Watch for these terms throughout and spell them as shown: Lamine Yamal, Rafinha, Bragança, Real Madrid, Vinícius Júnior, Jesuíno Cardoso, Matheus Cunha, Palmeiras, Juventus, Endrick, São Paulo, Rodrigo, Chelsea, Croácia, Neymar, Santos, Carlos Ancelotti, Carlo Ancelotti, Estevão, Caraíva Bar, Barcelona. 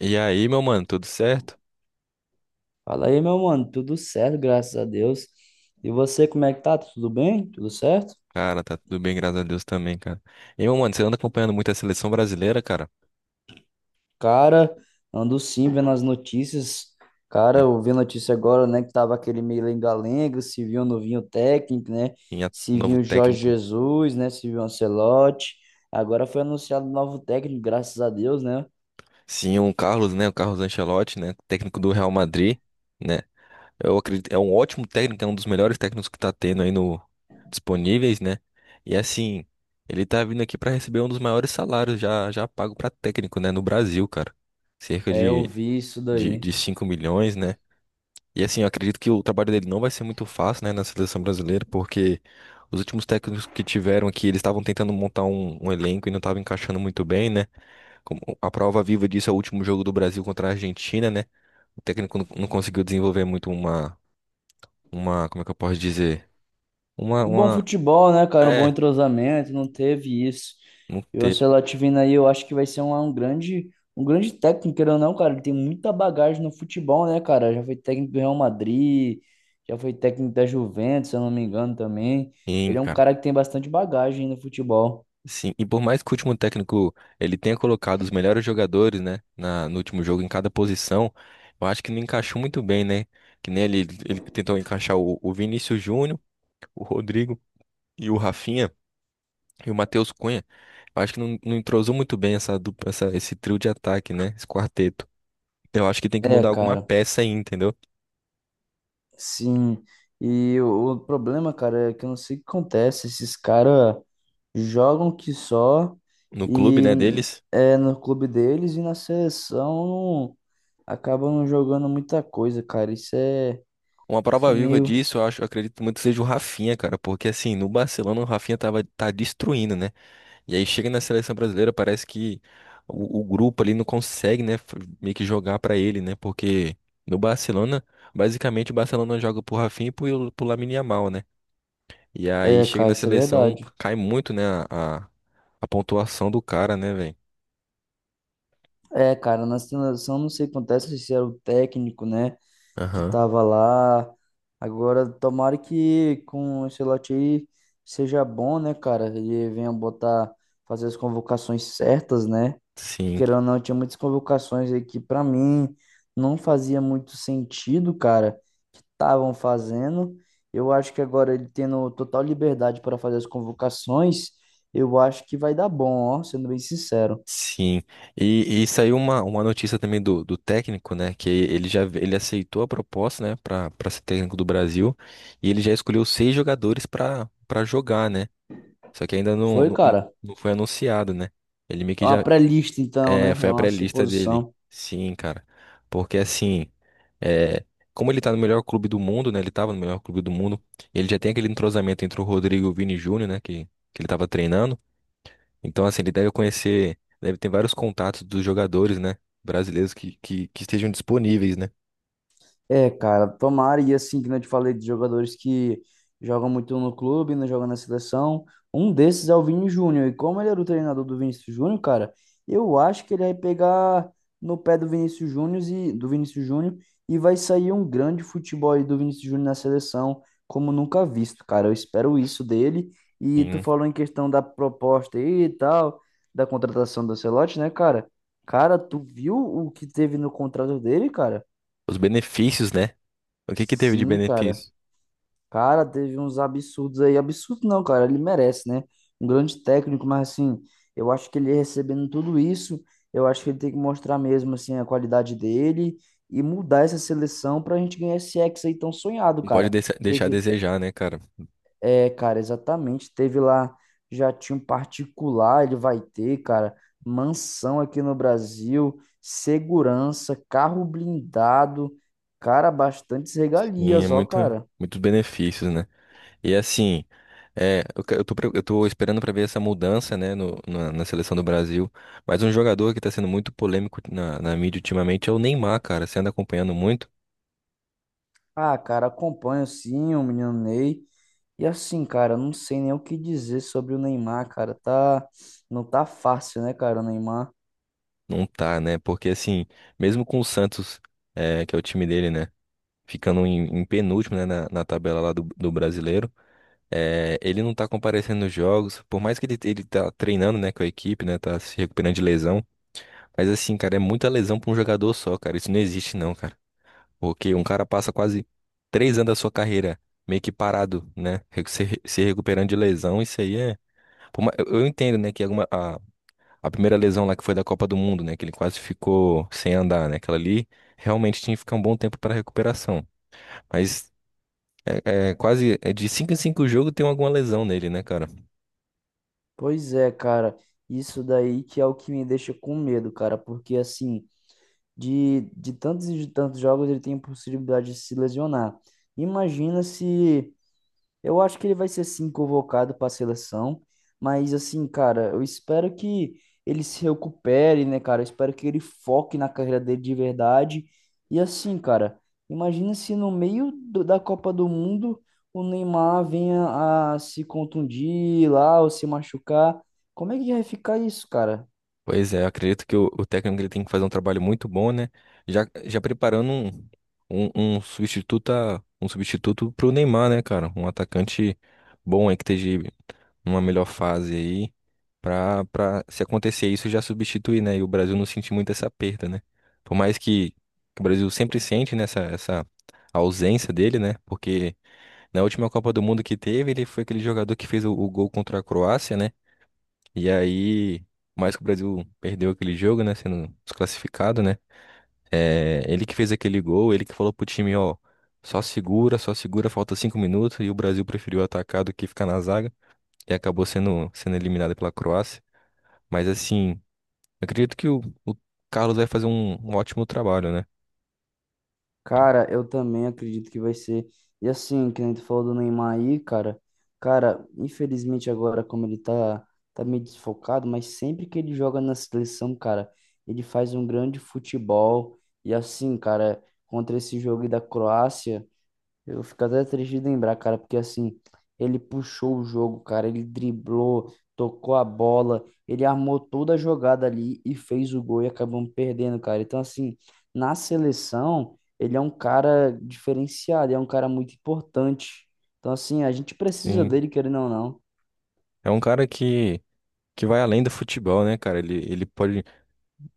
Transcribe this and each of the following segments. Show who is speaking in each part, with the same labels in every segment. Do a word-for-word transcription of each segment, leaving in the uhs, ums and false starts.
Speaker 1: E aí, meu mano, tudo certo?
Speaker 2: Fala aí, meu mano, tudo certo, graças a Deus. E você, como é que tá? Tudo bem? Tudo certo?
Speaker 1: Cara, tá tudo bem, graças a Deus também, cara. E, meu mano, você anda acompanhando muito a seleção brasileira, cara,
Speaker 2: Cara, ando sim vendo as notícias. Cara,
Speaker 1: né?
Speaker 2: eu vi notícia agora, né, que tava aquele meio lenga-lenga, se viu um novinho técnico, né?
Speaker 1: Tem a- o
Speaker 2: Se
Speaker 1: novo
Speaker 2: viu o Jorge
Speaker 1: técnico,
Speaker 2: Jesus, né? Se viu o Ancelotti. Agora foi anunciado um novo técnico, graças a Deus, né?
Speaker 1: sim, o Carlos, né? O Carlos Ancelotti, né? Técnico do Real Madrid, né? Eu acredito, é um ótimo técnico, é um dos melhores técnicos que tá tendo aí no disponíveis, né? E assim, ele tá vindo aqui pra receber um dos maiores salários já já pago pra técnico, né, no Brasil, cara. Cerca
Speaker 2: É, eu
Speaker 1: de
Speaker 2: vi isso
Speaker 1: de,
Speaker 2: daí.
Speaker 1: de cinco milhões, né? E assim, eu acredito que o trabalho dele não vai ser muito fácil, né, na seleção brasileira, porque os últimos técnicos que tiveram aqui, eles estavam tentando montar um, um elenco e não estavam encaixando muito bem, né? Como a prova viva disso é o último jogo do Brasil contra a Argentina, né? O técnico não, não conseguiu desenvolver muito uma, uma, como é que eu posso dizer? Uma,
Speaker 2: Um Bom
Speaker 1: uma,
Speaker 2: futebol, né, cara? Um bom
Speaker 1: é,
Speaker 2: entrosamento, não teve isso.
Speaker 1: não
Speaker 2: E o
Speaker 1: teve,
Speaker 2: Ancelotti vindo aí, eu acho que vai ser um, um grande, um grande técnico, querendo ou não, cara. Ele tem muita bagagem no futebol, né, cara? Já foi técnico do Real Madrid, já foi técnico da Juventus, se eu não me engano também.
Speaker 1: hein,
Speaker 2: Ele é um
Speaker 1: cara.
Speaker 2: cara que tem bastante bagagem no futebol.
Speaker 1: Sim, e por mais que o último técnico ele tenha colocado os melhores jogadores, né, na, no último jogo em cada posição, eu acho que não encaixou muito bem, né? Que nem ele, ele tentou encaixar o, o Vinícius Júnior, o Rodrigo e o Rafinha e o Matheus Cunha. Eu acho que não, não entrosou muito bem essa, dupla- essa esse trio de ataque, né? Esse quarteto. Então, eu acho que tem que
Speaker 2: É,
Speaker 1: mudar alguma
Speaker 2: cara.
Speaker 1: peça aí, entendeu?
Speaker 2: Sim, e o, o problema, cara, é que eu não sei o que acontece. Esses caras jogam que só
Speaker 1: No clube,
Speaker 2: e
Speaker 1: né,
Speaker 2: n-
Speaker 1: deles.
Speaker 2: é no clube deles e na seleção não- acabam não jogando muita coisa, cara. Isso é,
Speaker 1: Uma
Speaker 2: isso
Speaker 1: prova
Speaker 2: é
Speaker 1: viva
Speaker 2: meio.
Speaker 1: disso, eu acho, eu acredito muito que seja o Rafinha, cara, porque assim, no Barcelona o Rafinha tava, tá destruindo, né? E aí chega na seleção brasileira, parece que o, o grupo ali não consegue, né, f- meio que jogar pra ele, né? Porque no Barcelona, basicamente o Barcelona joga pro Rafinha e pro, pro Lamine Yamal, né? E aí
Speaker 2: É,
Speaker 1: chega
Speaker 2: cara,
Speaker 1: na
Speaker 2: isso é
Speaker 1: seleção,
Speaker 2: verdade.
Speaker 1: cai muito, né, a, a a pontuação do cara, né, velho?
Speaker 2: É, cara, na seleção não sei o que acontece se é o técnico, né, que
Speaker 1: Aham.
Speaker 2: tava lá. Agora, tomara que com o Ancelotti aí seja bom, né, cara? Ele venha botar, fazer as convocações certas, né?
Speaker 1: Sim,
Speaker 2: Querendo ou não, tinha muitas convocações aí que pra mim não fazia muito sentido, cara. Estavam fazendo. Eu acho que agora ele tendo total liberdade para fazer as convocações, eu acho que vai dar bom, ó, sendo bem sincero.
Speaker 1: sim. E, e saiu uma, uma notícia também do, do técnico, né? Que ele já ele aceitou a proposta, né? Para para ser técnico do Brasil. E ele já escolheu seis jogadores para para jogar, né? Só que ainda não,
Speaker 2: Foi,
Speaker 1: não,
Speaker 2: cara?
Speaker 1: não foi anunciado, né? Ele meio
Speaker 2: É
Speaker 1: que
Speaker 2: uma
Speaker 1: já
Speaker 2: pré-lista, então,
Speaker 1: é,
Speaker 2: né? É
Speaker 1: foi a
Speaker 2: uma
Speaker 1: pré-lista dele.
Speaker 2: suposição.
Speaker 1: Sim, cara. Porque assim, é, como ele tá no melhor clube do mundo, né? Ele tava no melhor clube do mundo. Ele já tem aquele entrosamento entre o Rodrigo e o Vini Júnior, né? Que, que ele tava treinando. Então, assim, ele deve conhecer, deve ter vários contatos dos jogadores, né? Brasileiros que, que, que estejam disponíveis, né?
Speaker 2: É, cara, tomara, e assim, que não te falei de jogadores que jogam muito no clube, não jogam na seleção, um desses é o Vini Júnior, e como ele era o treinador do Vinícius Júnior, cara, eu acho que ele vai pegar no pé do Vinícius Júnior e, do Vinícius Júnior, e vai sair um grande futebol aí do Vinícius Júnior na seleção, como nunca visto, cara, eu espero isso dele, e tu
Speaker 1: Sim.
Speaker 2: falou em questão da proposta aí e tal, da contratação do Ancelotti, né, cara? Cara, tu viu o que teve no contrato dele, cara?
Speaker 1: Os benefícios, né? O que que teve de
Speaker 2: Sim, cara.
Speaker 1: benefício?
Speaker 2: Cara, teve uns absurdos aí. Absurdo não, cara. Ele merece, né? Um grande técnico, mas assim, eu acho que ele recebendo tudo isso, eu acho que ele tem que mostrar mesmo, assim, a qualidade dele e mudar essa seleção pra gente ganhar esse Hexa aí tão sonhado,
Speaker 1: Não pode
Speaker 2: cara.
Speaker 1: deixar deixar a
Speaker 2: Teve,
Speaker 1: desejar, né, cara?
Speaker 2: é, cara, exatamente. Teve lá, já tinha um particular, ele vai ter, cara. Mansão aqui no Brasil, segurança, carro blindado, cara, bastantes
Speaker 1: Sim, é
Speaker 2: regalias, ó,
Speaker 1: muito,
Speaker 2: cara.
Speaker 1: muitos benefícios, né? E assim, é, eu, que- eu tô, pre- eu tô esperando pra ver essa mudança, né, no- na, na seleção do Brasil. Mas um jogador que tá sendo muito polêmico na, na mídia ultimamente é o Neymar, cara. Você anda acompanhando muito?
Speaker 2: Ah, cara, acompanho sim o menino Ney. E assim, cara, eu não sei nem o que dizer sobre o Neymar, cara. Tá, não tá fácil, né, cara, o Neymar?
Speaker 1: Não tá, né? Porque assim, mesmo com o Santos, é, que é o time dele, né, ficando em, em penúltimo, né, na, na tabela lá do, do brasileiro, é, ele não tá comparecendo nos jogos. Por mais que ele, ele tá treinando, né, com a equipe, né, tá se recuperando de lesão. Mas assim, cara, é muita lesão pra um jogador só, cara. Isso não existe, não, cara. Porque um cara passa quase três anos da sua carreira meio que parado, né? Re- Se, re- se recuperando de lesão, isso aí é. Por ma- Eu eu entendo, né, que alguma, a, a primeira lesão lá que foi da Copa do Mundo, né? Que ele quase ficou sem andar, né? Aquela ali realmente tinha que ficar um bom tempo para recuperação. Mas é, é quase é de cinco em cinco jogos tem alguma lesão nele, né, cara?
Speaker 2: Pois é, cara. Isso daí que é o que me deixa com medo, cara, porque assim, de, de tantos e de tantos jogos ele tem a possibilidade de se lesionar. Imagina se. Eu acho que ele vai ser sim convocado para a seleção, mas assim, cara, eu espero que ele se recupere, né, cara? Eu espero que ele foque na carreira dele de verdade. E assim, cara, imagina se no meio do- da Copa do Mundo o Neymar venha a se contundir lá ou se machucar. Como é que vai ficar isso, cara?
Speaker 1: Pois é, eu acredito que o, o técnico ele tem que fazer um trabalho muito bom, né? Já, já preparando um, um, um substituto a- um substituto pro Neymar, né, cara? Um atacante bom aí que esteja numa melhor fase aí pra, pra se acontecer isso já substituir, né? E o Brasil não sentir muito essa perda, né? Por mais que, que o Brasil sempre sente nessa essa essa ausência dele, né? Porque na última Copa do Mundo que teve, ele foi aquele jogador que fez o o gol contra a Croácia, né? E aí, por mais que o Brasil perdeu aquele jogo, né? Sendo desclassificado, né? É, ele que fez aquele gol, ele que falou pro time, ó, só segura, só segura, falta cinco minutos. E o Brasil preferiu atacar do que ficar na zaga. E acabou sendo, sendo eliminado pela Croácia. Mas assim, eu acredito que o, o Carlos vai fazer um, um ótimo trabalho, né?
Speaker 2: Cara, eu também acredito que vai ser. E assim, que a gente falou do Neymar aí, cara. Cara, infelizmente agora, como ele tá, tá, meio desfocado, mas sempre que ele joga na seleção, cara, ele faz um grande futebol. E assim, cara, contra esse jogo aí da Croácia. Eu fico até triste de lembrar, cara, porque assim, ele puxou o jogo, cara, ele driblou, tocou a bola, ele armou toda a jogada ali e fez o gol e acabamos perdendo, cara. Então, assim, na seleção, ele é um cara diferenciado, é um cara muito importante. Então, assim, a gente precisa
Speaker 1: E
Speaker 2: dele, querendo ou não.
Speaker 1: é um cara que, que vai além do futebol, né, cara? Ele, ele pode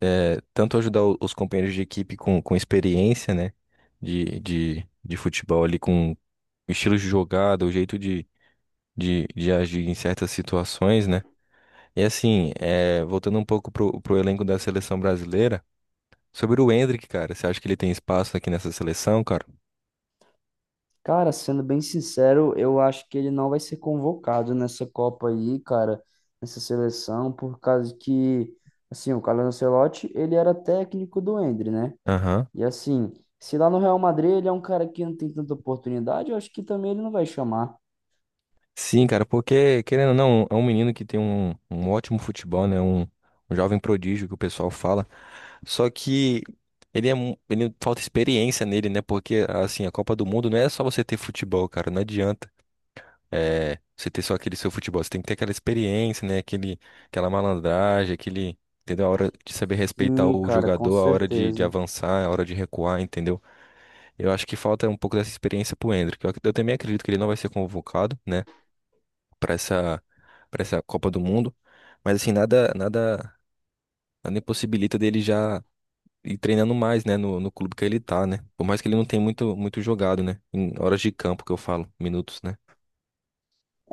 Speaker 1: é, tanto ajudar o- os companheiros de equipe com, com experiência, né? De, de, de futebol ali com o estilo de jogada, o jeito de, de, de agir em certas situações, né? E assim, é, voltando um pouco pro, pro elenco da seleção brasileira, sobre o Endrick, cara, você acha que ele tem espaço aqui nessa seleção, cara?
Speaker 2: Cara, sendo bem sincero, eu acho que ele não vai ser convocado nessa Copa aí, cara, nessa seleção, por causa que. Assim, o Carlo Ancelotti, ele era técnico do Endre, né?
Speaker 1: Aham.
Speaker 2: E assim, se lá no Real Madrid ele é um cara que não tem tanta oportunidade, eu acho que também ele não vai chamar.
Speaker 1: Sim, cara, porque, querendo ou não, é um menino que tem um, um ótimo futebol, né? Um, um jovem prodígio que o pessoal fala. Só que ele é, mu- ele falta experiência nele, né? Porque, assim, a Copa do Mundo não é só você ter futebol, cara, não adianta. É, você ter só aquele seu futebol, você tem que ter aquela experiência, né? Aquele, aquela malandragem, aquele, entendeu? A hora de saber respeitar
Speaker 2: Sim,
Speaker 1: o
Speaker 2: cara, com
Speaker 1: jogador, a hora de, de
Speaker 2: certeza.
Speaker 1: avançar, a hora de recuar, entendeu? Eu acho que falta um pouco dessa experiência pro Endrick. Eu, ac- eu também acredito que ele não vai ser convocado, né? Pra essa, pra essa Copa do Mundo. Mas assim, nada, nada, nada impossibilita dele já ir treinando mais, né? No, no clube que ele tá, né? Por mais que ele não tenha muito, muito jogado, né? Em horas de campo que eu falo, minutos, né?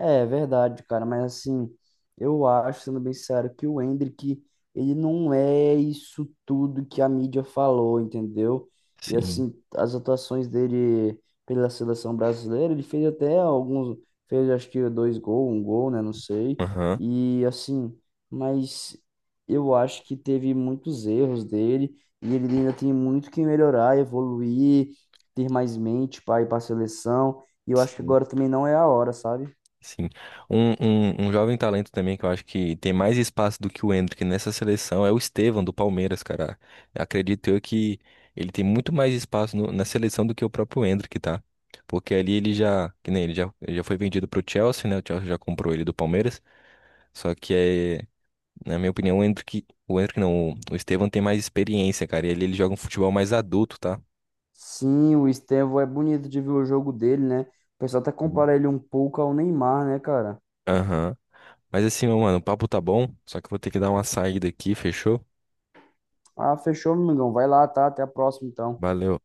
Speaker 2: É verdade, cara, mas assim, eu acho, sendo bem sério, que o Endrick, ele não é isso tudo que a mídia falou, entendeu? E
Speaker 1: Sim.
Speaker 2: assim, as atuações dele pela seleção brasileira, ele fez até alguns, fez acho que dois gols, um gol, né, não sei.
Speaker 1: Aham.
Speaker 2: E assim, mas eu acho que teve muitos erros dele e ele ainda tem muito que melhorar, evoluir, ter mais mente para ir para a seleção. E eu acho que
Speaker 1: Sim.
Speaker 2: agora também não é a hora, sabe?
Speaker 1: Sim. Um, um, um jovem talento também que eu acho que tem mais espaço do que o Endrick nessa seleção é o Estevão do Palmeiras, cara. Acredito eu que ele tem muito mais espaço no- na seleção do que o próprio Endrick, tá? Porque ali ele já, que nem ele já, ele já foi vendido pro Chelsea, né? O Chelsea já comprou ele do Palmeiras. Só que é, na minha opinião, o Endrick, o Endrick não, o, o Estevão tem mais experiência, cara. E ali ele joga um futebol mais adulto, tá?
Speaker 2: Sim, o Estevão é bonito de ver o jogo dele, né? O pessoal até
Speaker 1: Hum.
Speaker 2: compara ele um pouco ao Neymar, né, cara?
Speaker 1: Aham. Mas assim, meu mano, o papo tá bom, só que eu vou ter que dar uma saída aqui, fechou?
Speaker 2: Ah, fechou, meu amigão. Vai lá, tá? Até a próxima, então.
Speaker 1: Valeu.